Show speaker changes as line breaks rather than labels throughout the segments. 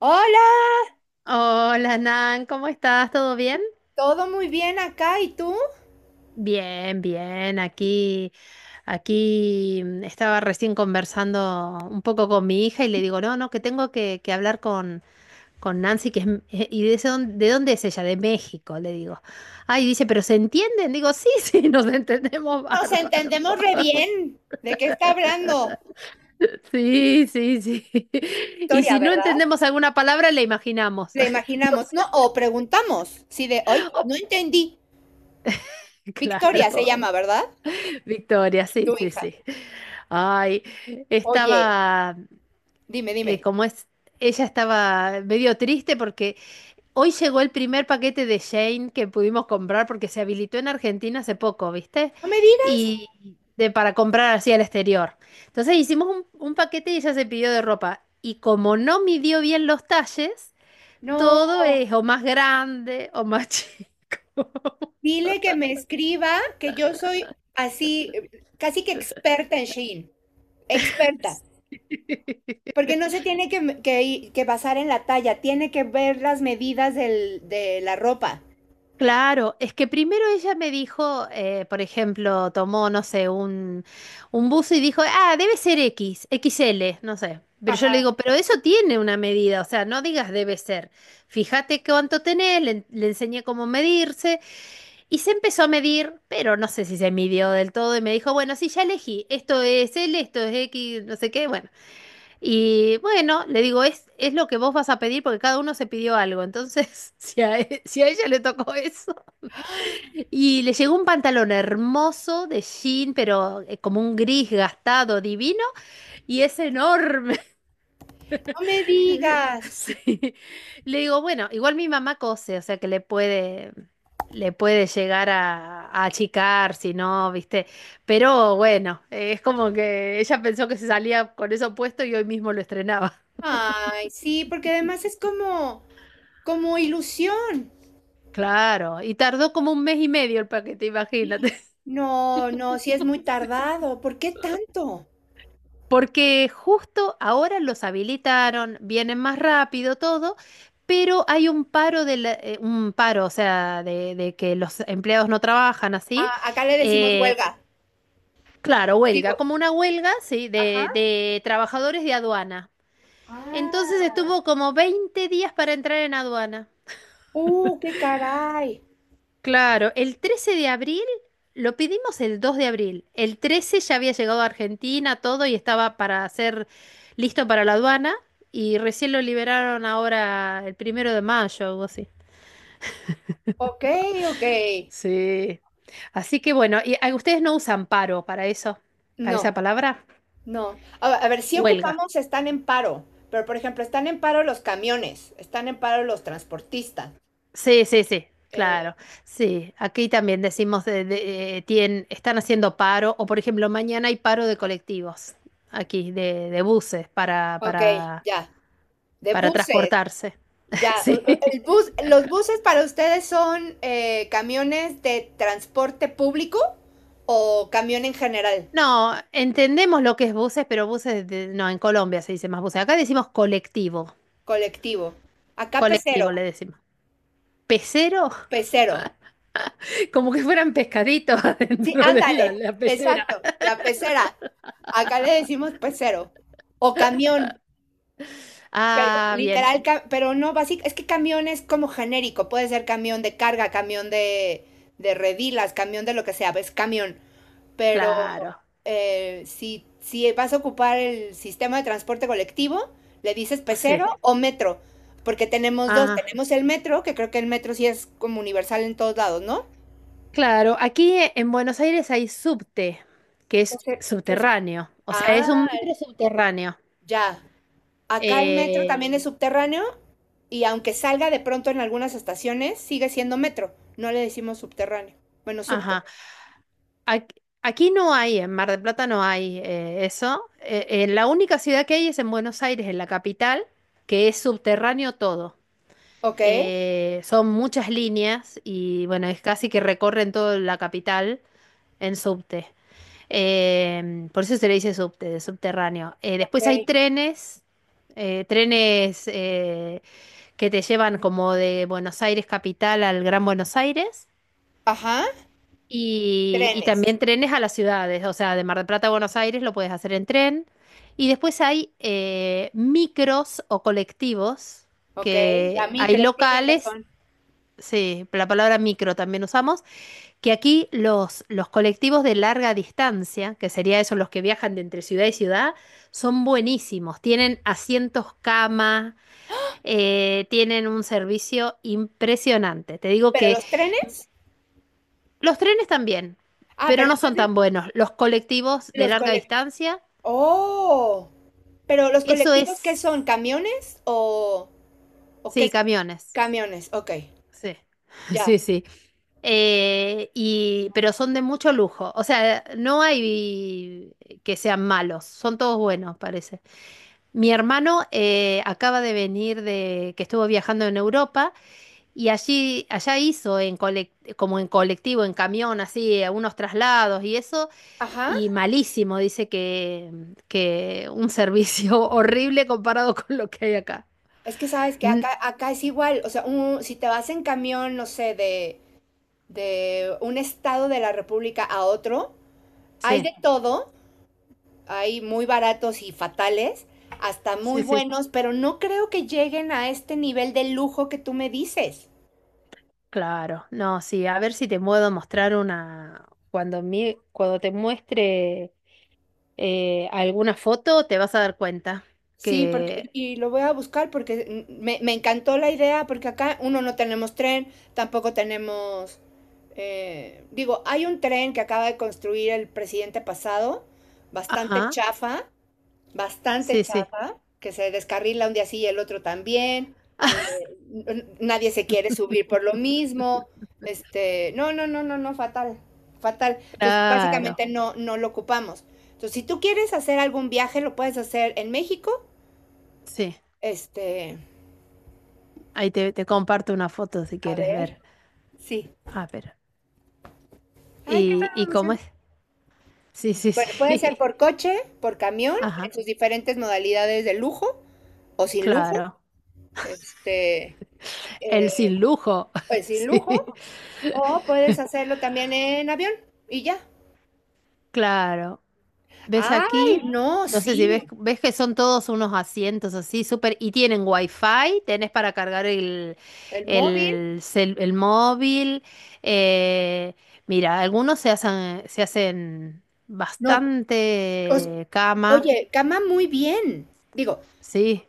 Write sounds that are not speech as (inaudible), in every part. Hola,
Hola Nan, ¿cómo estás? ¿Todo bien?
todo muy bien acá, ¿y tú?
Bien, bien. Aquí, estaba recién conversando un poco con mi hija y le digo, no, no, que tengo que hablar con Nancy, que es, ¿de dónde es ella? De México, le digo. Ay, dice, ¿pero se entienden? Digo, sí, (laughs) sí, nos entendemos
Nos
bárbaro.
entendemos re
(laughs)
bien. ¿De qué está hablando?
Sí, sí, sí. (laughs) Y
Victoria,
si no
¿verdad?
entendemos alguna palabra, la imaginamos.
Le
(laughs) No
imaginamos,
sé.
¿no? O preguntamos, sí, de hoy,
Oh,
no entendí. Victoria se
claro.
llama, ¿verdad?
Victoria,
Tu
sí, sí,
hija.
sí. Ay,
Oye,
estaba,
dime,
eh,
dime.
como es, ella estaba medio triste porque hoy llegó el primer paquete de Shane que pudimos comprar porque se habilitó en Argentina hace poco, ¿viste?
No me digas.
Y para comprar así al exterior. Entonces hicimos un paquete y ella se pidió de ropa. Y como no midió bien los talles,
No,
todo es o más grande o más chico.
dile que me escriba, que yo soy así, casi que experta en Shein. Experta. Porque
(laughs)
no se tiene que basar en la talla, tiene que ver las medidas de la ropa.
Claro, es que primero ella me dijo, por ejemplo, tomó, no sé, un buzo y dijo, ah, debe ser X, X L, no sé. Pero yo le
Ajá,
digo, pero eso tiene una medida, o sea, no digas debe ser. Fíjate cuánto tenés, le enseñé cómo medirse y se empezó a medir, pero no sé si se midió del todo y me dijo, bueno, sí, ya elegí, esto es L, esto es X, no sé qué, bueno. Y bueno, le digo, es lo que vos vas a pedir porque cada uno se pidió algo, entonces (laughs) si a ella le tocó eso. Y le llegó un pantalón hermoso de jean, pero como un gris gastado, divino, y es enorme.
no me
(laughs)
digas.
Sí. Le digo, bueno, igual mi mamá cose, o sea que le puede llegar a achicar, si no, viste. Pero bueno, es como que ella pensó que se salía con eso puesto y hoy mismo lo estrenaba. (laughs)
Ay, sí, porque además es como ilusión.
Claro, y tardó como un mes y medio el paquete, imagínate.
No, no, sí es muy tardado. ¿Por qué tanto?
Porque justo ahora los habilitaron, vienen más rápido todo, pero hay un paro, o sea, de que los empleados no trabajan así.
Ah, acá le decimos
Eh,
huelga.
claro,
Digo,
huelga, como una huelga, sí,
ajá.
de trabajadores de aduana. Entonces
Ah,
estuvo como 20 días para entrar en aduana.
qué caray.
Claro, el 13 de abril lo pedimos el 2 de abril. El 13 ya había llegado a Argentina todo y estaba para ser listo para la aduana y recién lo liberaron ahora el primero de mayo o algo así.
Ok, ok.
Sí. Así que bueno, y ustedes no usan paro para eso, para
No,
esa palabra,
no. A ver, si
huelga.
ocupamos están en paro, pero por ejemplo, están en paro los camiones, están en paro los transportistas.
Sí, sí, sí, claro.
Eh,
Sí, aquí también decimos están haciendo paro o por ejemplo mañana hay paro de colectivos aquí de buses para
ok,
para
ya. De
para
buses.
transportarse. (laughs)
Ya,
Sí.
el bus, los buses para ustedes son camiones de transporte público o camión en general,
No, entendemos lo que es buses, pero buses, no, en Colombia se dice más buses. Acá decimos colectivo,
colectivo. Acá pecero,
colectivo le decimos. ¿Pecero?
pecero.
(laughs) Como que fueran pescaditos (laughs)
Sí,
adentro de la,
ándale,
la pecera.
exacto, la pecera. Acá le decimos pecero o camión, pero
Ah, bien,
literal, pero no básico, es que camión es como genérico, puede ser camión de carga, camión de redilas, camión de lo que sea, es camión. Pero
claro,
si vas a ocupar el sistema de transporte colectivo, le dices
sí.
pecero o metro, porque tenemos dos,
Ah,
tenemos el metro, que creo que el metro sí es como universal en todos lados, ¿no?
claro, aquí en Buenos Aires hay subte, que
¿Qué
es
es- qué es-
subterráneo, o sea,
Ah,
es un metro subterráneo.
ya. Acá el metro
Eh,
también es subterráneo y aunque salga de pronto en algunas estaciones, sigue siendo metro. No le decimos subterráneo. Bueno, subte.
ajá. Ac- Aquí no hay, en Mar del Plata no hay eso. La única ciudad que hay es en Buenos Aires, en la capital, que es subterráneo todo.
Ok.
Son muchas líneas y bueno, es casi que recorren toda la capital en subte. Por eso se le dice subte, de subterráneo.
Ok.
Después hay trenes, eh, trenes eh, que te llevan como de Buenos Aires capital al Gran Buenos Aires.
Ajá.
Y
Trenes.
también trenes a las ciudades, o sea, de Mar del Plata a Buenos Aires lo puedes hacer en tren. Y después hay micros o colectivos,
Ok. La
que hay
micro, tiene
locales,
razón.
sí, la palabra micro también usamos, que aquí los colectivos de larga distancia, que sería eso, los que viajan de entre ciudad y ciudad, son buenísimos. Tienen asientos cama, tienen un servicio impresionante. Te digo
Pero
que...
los trenes.
Los trenes también,
Ah,
pero
pero
no son
entonces
tan buenos. Los colectivos de
Los
larga
colec
distancia,
¡oh! Pero, ¿los
eso
colectivos qué
es,
son? ¿Camiones o qué
sí,
son?
camiones.
Camiones, okey,
Sí, (laughs) sí,
ya.
sí. Pero son de mucho lujo. O sea, no hay que sean malos, son todos buenos, parece. Mi hermano acaba de venir que estuvo viajando en Europa y allá hizo como en colectivo, en camión, así, algunos traslados y eso.
Ajá.
Y malísimo, dice que un servicio (laughs) horrible comparado con lo que hay acá.
Es que sabes que
Mm,
acá es igual, o sea, un si te vas en camión, no sé, de un estado de la república a otro, hay
sí,
de todo, hay muy baratos y fatales, hasta
sí,
muy
sí.
buenos, pero no creo que lleguen a este nivel de lujo que tú me dices.
Claro. No, sí, a ver si te puedo mostrar una. Cuando te muestre alguna foto, te vas a dar cuenta
Sí, porque,
que.
y lo voy a buscar porque me encantó la idea, porque acá uno no tenemos tren, tampoco tenemos, digo, hay un tren que acaba de construir el presidente pasado, bastante
Ajá,
chafa, bastante
sí, sí.
chafa, que se descarrila un día sí y el otro también, eh, nadie se quiere
(laughs)
subir por lo mismo, este, no, no, no, no, no, fatal, fatal. Entonces, básicamente
Claro,
no, no lo ocupamos. Entonces, si tú quieres hacer algún viaje, lo puedes hacer en México
sí.
este,
Ahí te comparto una foto si
a
quieres
ver,
ver.
sí.
Ah, pero.
Ay, qué
¿Y cómo
transformación.
es? Sí, sí,
Bueno, puede ser
sí.
por coche, por camión,
(laughs)
en
Ajá,
sus diferentes modalidades de lujo o sin lujo.
claro.
Este,
El
eh,
sin lujo.
pues
(laughs)
sin
Sí,
lujo. O puedes hacerlo también en avión y ya.
claro. ¿Ves
Ay,
aquí?
no,
No sé si
sí.
ves, ves que son todos unos asientos así, súper, y tienen wifi, tenés para cargar el,
El móvil,
el, cel- el móvil. eh, mira, algunos se hacen
no. Os-
bastante cama.
oye, cama muy bien. Digo,
Sí,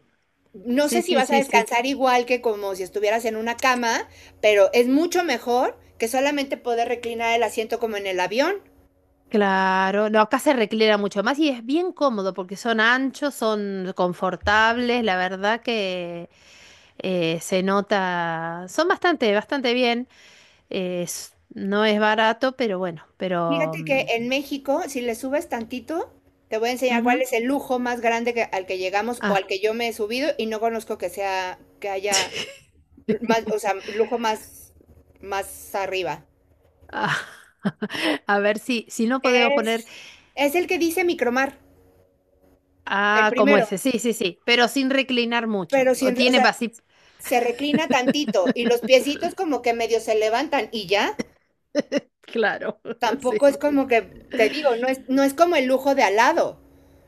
no
sí,
sé si
sí,
vas a
sí, sí.
descansar igual que como si estuvieras en una cama, pero es mucho mejor que solamente poder reclinar el asiento como en el avión.
Claro, no, acá se reclina mucho más y es bien cómodo porque son anchos, son confortables, la verdad que se nota, son bastante, bastante bien. No es barato, pero bueno, pero...
Fíjate
mm,
que en México, si le subes tantito, te voy a enseñar
ujú.
cuál es el lujo más grande al que llegamos o
Ah.
al que yo me he subido y no conozco que sea, que haya más, o sea,
(laughs)
lujo más arriba.
Ah, (laughs) A ver si no podemos poner
Es, es el que dice micromar, el
como
primero,
ese, sí, sí, sí, pero sin reclinar mucho.
pero
O
sin, o
tiene
sea,
así.
se reclina tantito y los piecitos como que medio se levantan y ya,
Claro, (laughs)
tampoco es
sí.
como que, te digo, no es como el lujo de al lado.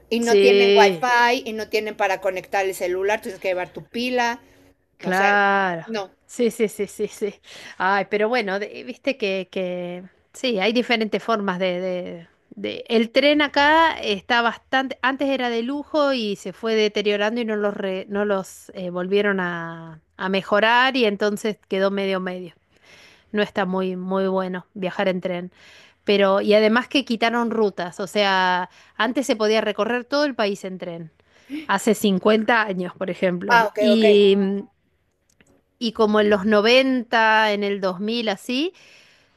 Y no tienen
Sí.
wifi y no tienen para conectar el celular, tienes que llevar tu pila. O sea,
Claro,
no.
sí, sí, sí, sí, sí. Ay, pero bueno, viste que sí, hay diferentes formas el tren acá está bastante, antes era de lujo y se fue deteriorando y no los volvieron a mejorar y entonces quedó medio medio. No está muy, muy bueno viajar en tren. Pero, y además que quitaron rutas, o sea, antes se podía recorrer todo el país en tren hace 50 años, por
Ah,
ejemplo.
ok, ok.
Y como en los 90 en el 2000 así,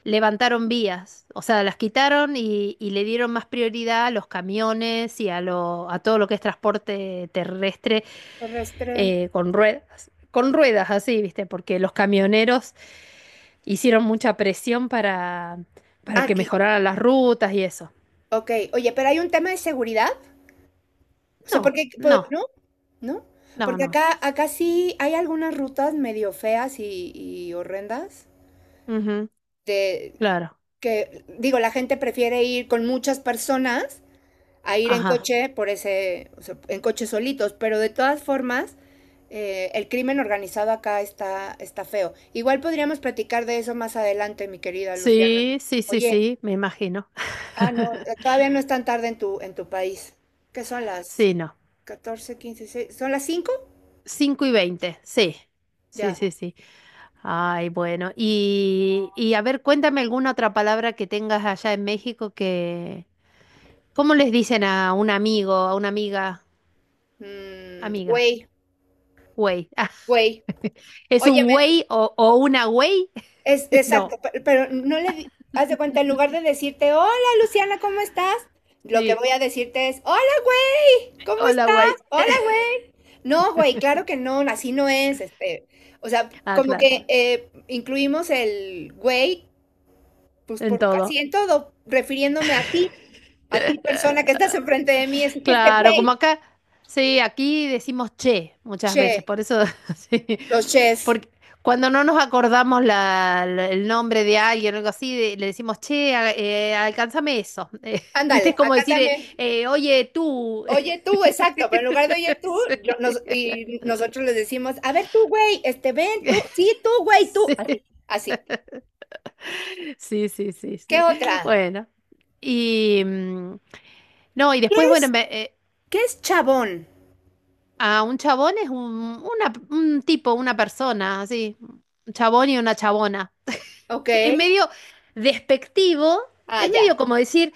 levantaron vías. O sea, las quitaron y le dieron más prioridad a los camiones y a todo lo que es transporte terrestre
Terrestre.
con ruedas. Con ruedas, así, ¿viste? Porque los camioneros hicieron mucha presión para que
Aquí,
mejoraran las rutas y eso.
ok. Oye, pero hay un tema de seguridad. O sea,
No,
porque,
no,
¿no? ¿No?
no,
Porque
no.
acá sí hay algunas rutas medio feas y horrendas.
Ujú,
De,
claro.
que, digo, la gente prefiere ir con muchas personas a ir en
Ajá.
coche por ese, o sea, en coches solitos. Pero de todas formas, el crimen organizado acá está feo. Igual podríamos platicar de eso más adelante, mi querida Luciana.
Sí, sí, sí,
Oye,
sí, me imagino.
ah, no,
(laughs)
todavía no es tan tarde en en tu país. ¿Qué son las
Sí, no.
14, 15, seis? ¿Son las cinco?
5:20, sí. Sí,
Ya.
sí, sí. Ay, bueno. Y a ver, cuéntame alguna otra palabra que tengas allá en México que... ¿Cómo les dicen a un amigo, a una amiga? Amiga.
Güey,
Güey. Ah,
güey.
¿es un
Óyeme,
güey o una güey?
es
(laughs)
exacto,
No.
pero, no le di- haz de cuenta, en lugar de decirte, hola Luciana, ¿cómo estás? Lo que
Sí.
voy a decirte es, hola güey, ¿cómo
Hola, güey.
estás? Hola
(laughs)
güey. No, güey, claro que no, así no es, este, o sea,
Ah,
como
claro.
que incluimos el güey pues
En
por así
todo.
en todo, refiriéndome a ti persona
(laughs)
que estás enfrente de mí, es que este
Claro, como
güey,
acá, sí, aquí decimos che muchas veces,
che,
por eso, (laughs) sí,
los ches,
porque cuando no nos acordamos el nombre de alguien o algo así, le decimos che, alcánzame eso. (laughs) ¿Viste?
ándale,
Es como
acá
decir,
también.
oye, tú. (laughs)
Oye tú, exacto, pero en lugar de oye tú,
Sí.
y nosotros les decimos, a ver tú, güey, este, ven tú, sí,
(laughs)
tú, güey, tú,
Sí.
así, así.
(laughs) Sí, sí, sí,
¿Qué
sí.
otra?
Bueno, y no, y
¿Qué
después, bueno.
es, qué es chabón?
Ah, un chabón es un tipo, una persona, así. Un chabón y una chabona. (laughs)
Ok,
Es medio despectivo,
ah,
es
ya,
medio como decir,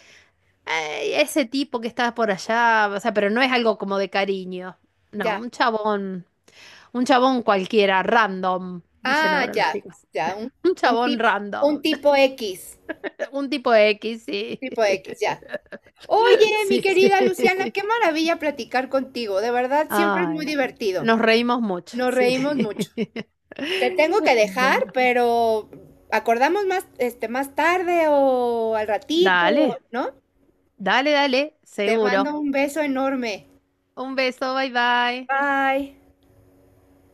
Ay, ese tipo que está por allá, o sea, pero no es algo como de cariño. No,
ya,
un chabón cualquiera, random, dicen
ah,
ahora
ya,
los chicos.
ya,
Un
un,
chabón
tip, un
random, (laughs) un tipo X, sí.
tipo X, ya.
(laughs)
Oye, mi
Sí,
querida Luciana,
sí.
qué maravilla platicar contigo. De verdad, siempre es muy
Ay,
divertido.
nos reímos mucho,
Nos
sí.
reímos mucho.
(laughs)
Te tengo que dejar,
Bueno,
pero acordamos más, este, más tarde o al ratito,
dale,
¿no?
dale, dale,
Te
seguro.
mando un beso enorme.
Un beso, bye bye.
Bye.